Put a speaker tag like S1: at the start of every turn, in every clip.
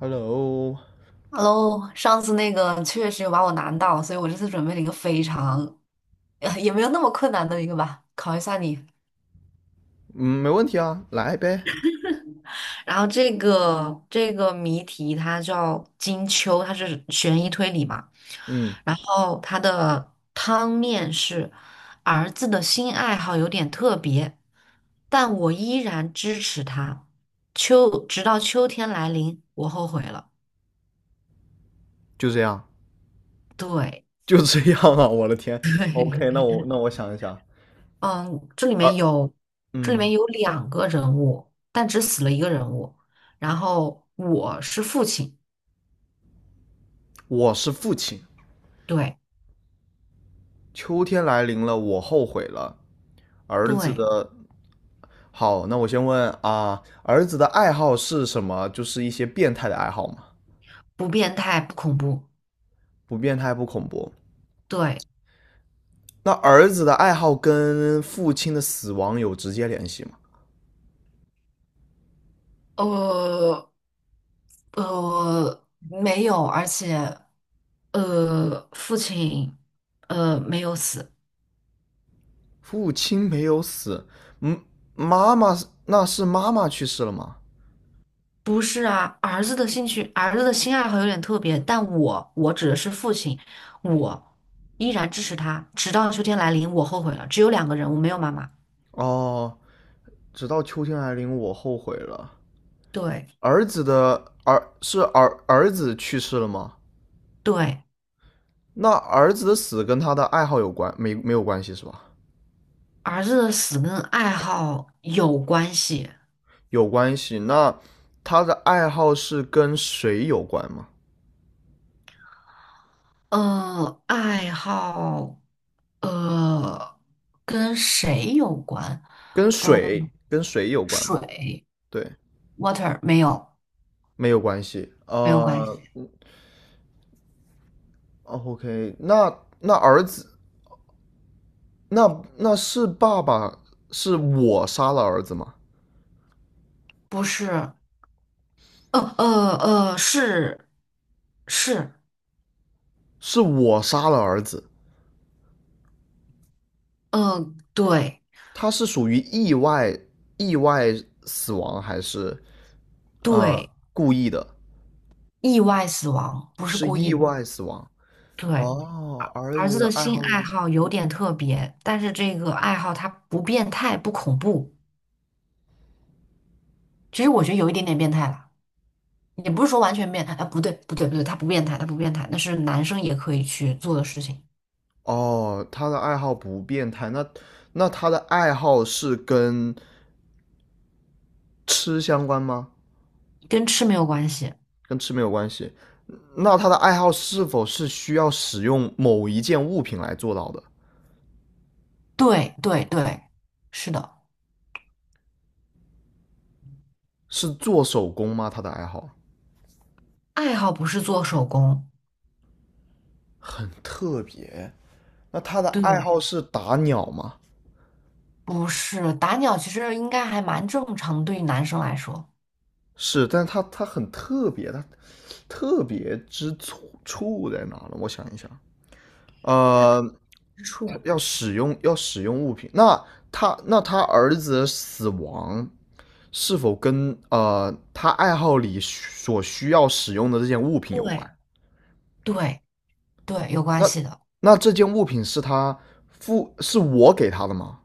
S1: Hello，
S2: Hello,上次那个确实有把我难到，所以我这次准备了一个非常，也没有那么困难的一个吧，考一下你。
S1: 嗯，没问题啊，来呗。
S2: 然后这个谜题它叫金秋，它是悬疑推理嘛。
S1: 嗯，
S2: 然后它的汤面是儿子的新爱好有点特别，但我依然支持他。秋，直到秋天来临，我后悔了。
S1: 就这样，
S2: 对。
S1: 就这样啊！我的天，OK,那 我想一想，
S2: 嗯，这里面
S1: 儿，
S2: 有这里
S1: 嗯，
S2: 面有两个人物，但只死了一个人物。然后我是父亲，
S1: 我是父亲，
S2: 对
S1: 秋天来临了，我后悔了。儿子
S2: 对，
S1: 的，好，那我先问啊，儿子的爱好是什么？就是一些变态的爱好吗？
S2: 不变态，不恐怖，
S1: 不变态，不恐怖。
S2: 对，
S1: 那儿子的爱好跟父亲的死亡有直接联系吗？
S2: 呃，没有，而且父亲没有死，
S1: 父亲没有死，嗯，妈妈是那是妈妈去世了吗？
S2: 不是啊，儿子的兴趣，儿子的新爱好有点特别，但我指的是父亲，我依然支持他，直到秋天来临，我后悔了，只有两个人，物，没有妈妈，
S1: 哦，直到秋天来临，我后悔了。
S2: 对。
S1: 儿子去世了吗？
S2: 对，
S1: 那儿子的死跟他的爱好有关没没有关系是吧？
S2: 儿子的死跟爱好有关系。
S1: 有关系。那他的爱好是跟水有关吗？
S2: 爱好，呃，跟谁有关？
S1: 跟
S2: 嗯、
S1: 水跟水有关吗？
S2: 水
S1: 对，
S2: ，water 没有，
S1: 没有关系。
S2: 没有关系。
S1: O k 那那儿子那那是爸爸是我杀了儿子吗？
S2: 不是，是是，
S1: 是我杀了儿子。
S2: 对
S1: 他是属于意外死亡还是
S2: 对，
S1: 故意的？
S2: 意外死亡，不是
S1: 是
S2: 故意
S1: 意
S2: 的。
S1: 外死亡。
S2: 对，
S1: 哦，儿
S2: 儿
S1: 子
S2: 子
S1: 的
S2: 的
S1: 爱
S2: 新
S1: 好
S2: 爱
S1: 是
S2: 好有点特别，但是这个爱好它不变态，不恐怖。其实我觉得有一点点变态了。也不是说完全变态，哎，不对，不对，不对，他不变态，他不变态，那是男生也可以去做的事情，
S1: 哦，他的爱好不变态，那他的爱好是跟吃相关吗？
S2: 跟吃没有关系。
S1: 跟吃没有关系。那他的爱好是否是需要使用某一件物品来做到的？
S2: 对，对，对，是的，
S1: 是做手工吗？他的爱好
S2: 爱好不是做手工，
S1: 特别。那他的爱
S2: 对，
S1: 好是打鸟吗？
S2: 不是打鸟，其实应该还蛮正常的，对于男生来说，
S1: 是，但是它很特别，它特别之处在哪呢？我想一想，
S2: 他
S1: 呃，
S2: 之
S1: 他
S2: 处，
S1: 要使用物品，那他儿子的死亡是否跟他爱好里所需要使用的这件物品有
S2: 对，
S1: 关？
S2: 对，对，有关
S1: 那
S2: 系的，
S1: 那这件物品是是我给他的吗？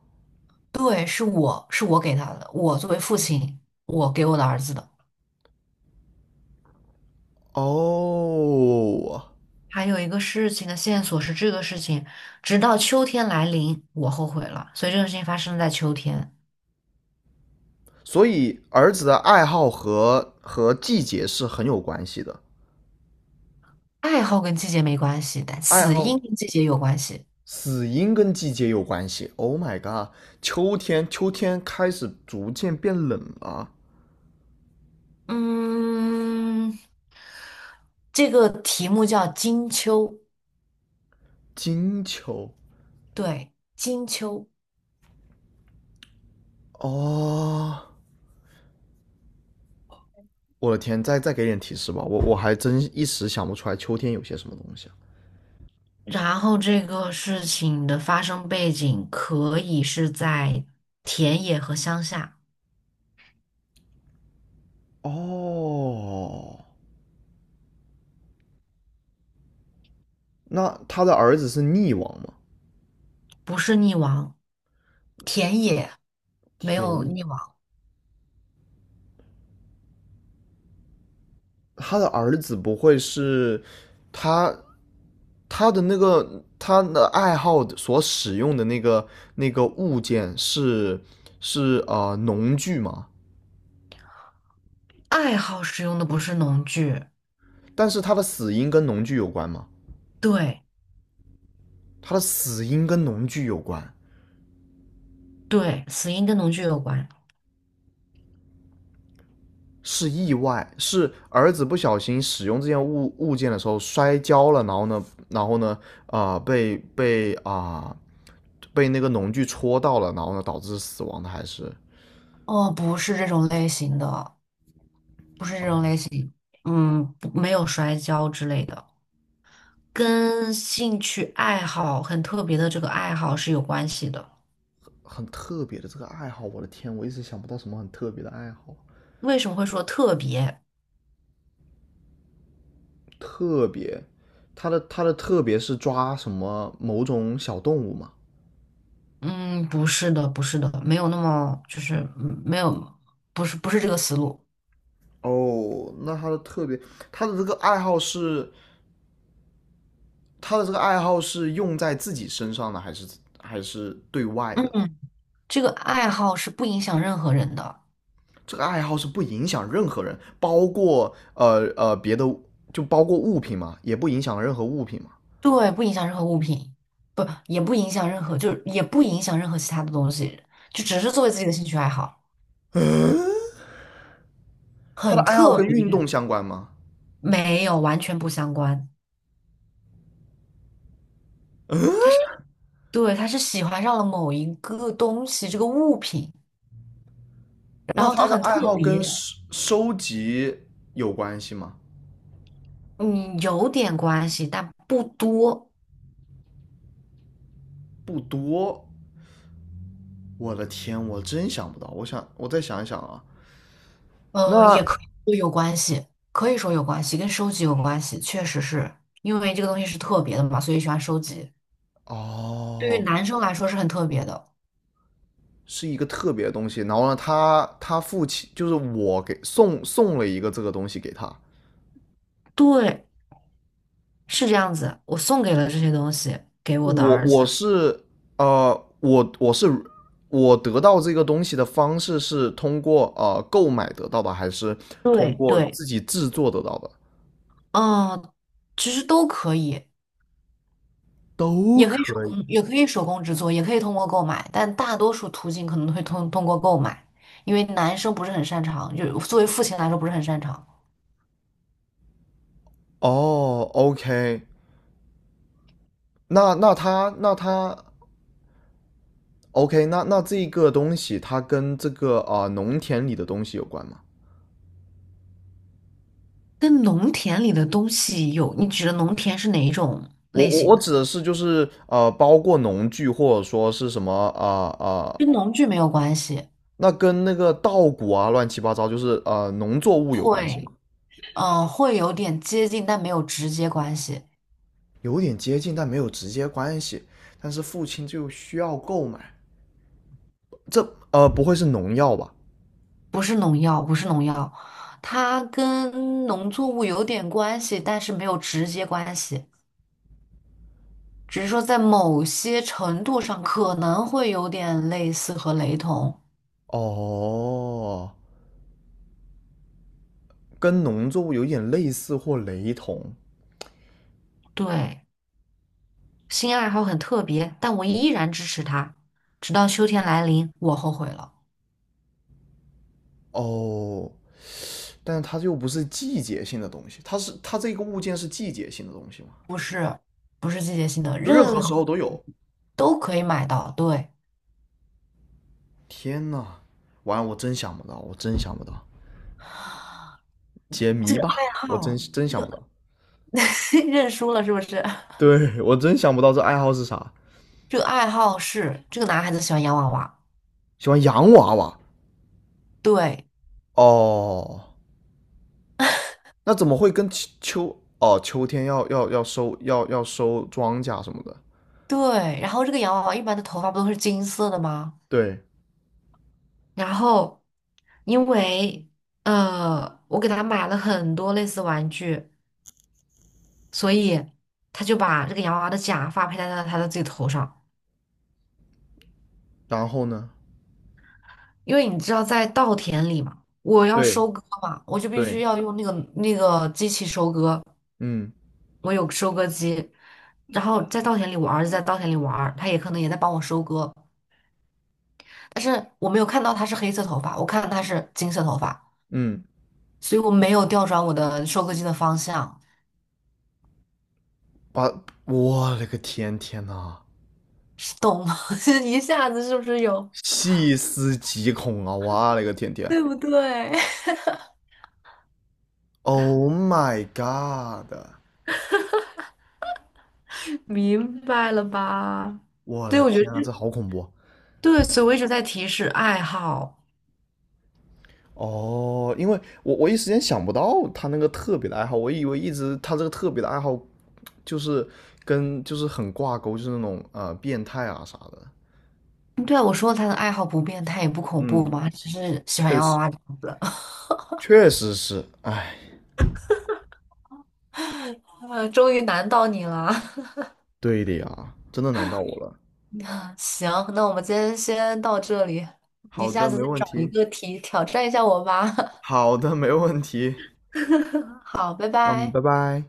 S2: 对，是我给他的，我作为父亲，我给我的儿子的。
S1: 哦，
S2: 还有一个事情的线索是这个事情，直到秋天来临，我后悔了。所以这个事情发生在秋天。
S1: 所以儿子的爱好和季节是很有关系的。
S2: 爱好跟季节没关系，但
S1: 爱
S2: 死因
S1: 好
S2: 跟季节有关系。
S1: 死因跟季节有关系。Oh my god,秋天，秋天开始逐渐变冷了。
S2: 嗯，这个题目叫金秋，
S1: 金秋，
S2: 对，金秋。
S1: 哦，我的天，再给点提示吧，我还真一时想不出来秋天有些什么东西啊
S2: 然后这个事情的发生背景可以是在田野和乡下，
S1: 哦，那他的儿子是溺亡吗？
S2: 不是溺亡，田野没有
S1: 田
S2: 溺亡。
S1: 他的儿子不会是他他的那个他的爱好所使用的那个物件是是农具吗？
S2: 爱好使用的不是农具，
S1: 但是他的死因跟农具有关吗？
S2: 对。
S1: 他的死因跟农具有关，
S2: 对，死因跟农具有关，
S1: 是意外，是儿子不小心使用这件物件的时候摔跤了，然后呢，然后呢，啊被那个农具戳到了，然后呢导致死亡的，还是
S2: 哦，不是这种类型的，不是这种类型。嗯，不没有摔跤之类的，跟兴趣爱好很特别的这个爱好是有关系的。
S1: 很特别的这个爱好，我的天，我一直想不到什么很特别的爱好。
S2: 为什么会说特别？
S1: 特别，他的特别是抓什么某种小动物嘛？
S2: 嗯，不是的，不是的，没有那么就是没有，不是这个思路。
S1: 哦，那他的特别，他的这个爱好是他的这个爱好是用在自己身上的，还是还是对外的？
S2: 嗯，这个爱好是不影响任何人的，
S1: 这个爱好是不影响任何人，包括别的，就包括物品嘛，也不影响任何物品嘛。
S2: 对，不影响任何物品，不，也不影响任何，就是也不影响任何其他的东西，就只是作为自己的兴趣爱好。
S1: 嗯，他的
S2: 很
S1: 爱好
S2: 特
S1: 跟运
S2: 别，
S1: 动相关吗？
S2: 没有，完全不相关。他是，对，他是喜欢上了某一个东西，这个物品，然
S1: 那
S2: 后
S1: 他
S2: 他
S1: 的
S2: 很
S1: 爱
S2: 特
S1: 好跟
S2: 别，
S1: 收集有关系吗？
S2: 嗯，有点关系，但不多，
S1: 不多。我的天，我真想不到。我想，我再想一想啊。那
S2: 也可以说有关系，可以说有关系，跟收集有关系，确实是因为这个东西是特别的嘛，所以喜欢收集。对于
S1: 哦，
S2: 男生来说是很特别的，
S1: 是一个特别的东西。然后呢，他父亲就是我给送了一个这个东西给他。
S2: 对，是这样子。我送给了这些东西给我的
S1: 我
S2: 儿子，
S1: 我是呃，我我是我得到这个东西的方式是通过购买得到的，还是通
S2: 对
S1: 过
S2: 对，
S1: 自己制作得到的？
S2: 嗯，其实都可以。
S1: 都
S2: 也可以手
S1: 可以。
S2: 工，也可以手工制作，也可以通过购买，但大多数途径可能会通过购买，因为男生不是很擅长，就是作为父亲来说不是很擅长。
S1: 哦，OK,那那它那它 OK,那那这个东西它跟这个农田里的东西有关吗？
S2: 跟农田里的东西有，你指的农田是哪一种
S1: 我
S2: 类
S1: 我
S2: 型
S1: 我
S2: 的？
S1: 指的是就是包括农具或者说是什么
S2: 跟农具没有关系，
S1: 那跟那个稻谷啊乱七八糟就是农作物有关系吗？
S2: 会，嗯、会有点接近，但没有直接关系，
S1: 有点接近，但没有直接关系。但是父亲就需要购买，这不会是农药吧？
S2: 不是农药，不是农药，它跟农作物有点关系，但是没有直接关系。只是说在某些程度上可能会有点类似和雷同。
S1: 哦，跟农作物有点类似或雷同
S2: 对，新爱好很特别，但我依然支持他。直到秋天来临，我后悔了。
S1: 哦。但是它又不是季节性的东西，它是它这个物件是季节性的东西嘛，
S2: 不是，不是季节性的，
S1: 就任何
S2: 任何
S1: 时候都有。
S2: 都可以买到。对，
S1: 天呐，完了，我真想不到，我真想不到，解
S2: 这
S1: 谜
S2: 个
S1: 吧，
S2: 爱
S1: 我真
S2: 好，
S1: 真
S2: 这
S1: 想不
S2: 个
S1: 到。
S2: 认输了是不是？
S1: 对我真想不到这爱好是啥，
S2: 这个爱好是这个男孩子喜欢洋娃娃，
S1: 喜欢洋娃娃
S2: 对
S1: 哦，那怎么会跟秋哦秋天要收庄稼什么的？
S2: 对。然后这个洋娃娃一般的头发不都是金色的吗？
S1: 对，
S2: 然后因为我给他买了很多类似玩具，所以他就把这个洋娃娃的假发佩戴在他的自己头上。
S1: 然后呢？
S2: 因为你知道，在稻田里嘛，我要
S1: 对
S2: 收割嘛，我就必须
S1: 对，
S2: 要用那个机器收割，
S1: 嗯
S2: 我有收割机。然后在稻田里，我儿子在稻田里玩儿他也可能也在帮我收割，但是我没有看到他是黑色头发，我看到他是金色头发，
S1: 嗯，
S2: 所以我没有调转我的收割机的方向。
S1: 把我勒个天，天呐！
S2: 懂吗？就是一下子是不是有
S1: 细思极恐啊！哇嘞个天 天
S2: 对不对？
S1: ，Oh my god!
S2: 明白了吧？
S1: 我的
S2: 对，我觉得
S1: 天啊，这
S2: 这
S1: 好恐怖啊
S2: 对，所以我一直在提示爱好。
S1: 哦！因为我一时间想不到他那个特别的爱好，我以为一直他这个特别的爱好就是跟就是很挂钩，就是那种变态啊啥的。
S2: 对啊，我说他的爱好不变他也不恐
S1: 嗯，
S2: 怖嘛，只是喜欢
S1: 确
S2: 洋娃
S1: 实，
S2: 娃这样子。
S1: 确实是，哎，
S2: 啊，终于难到你了。
S1: 对的呀，真的难到我了。
S2: 行，那我们今天先到这里，你
S1: 好
S2: 下
S1: 的，
S2: 次
S1: 没
S2: 再
S1: 问
S2: 找一
S1: 题。
S2: 个题挑战一下我吧。
S1: 好的，没问题。
S2: 好，拜
S1: 嗯，拜
S2: 拜。
S1: 拜。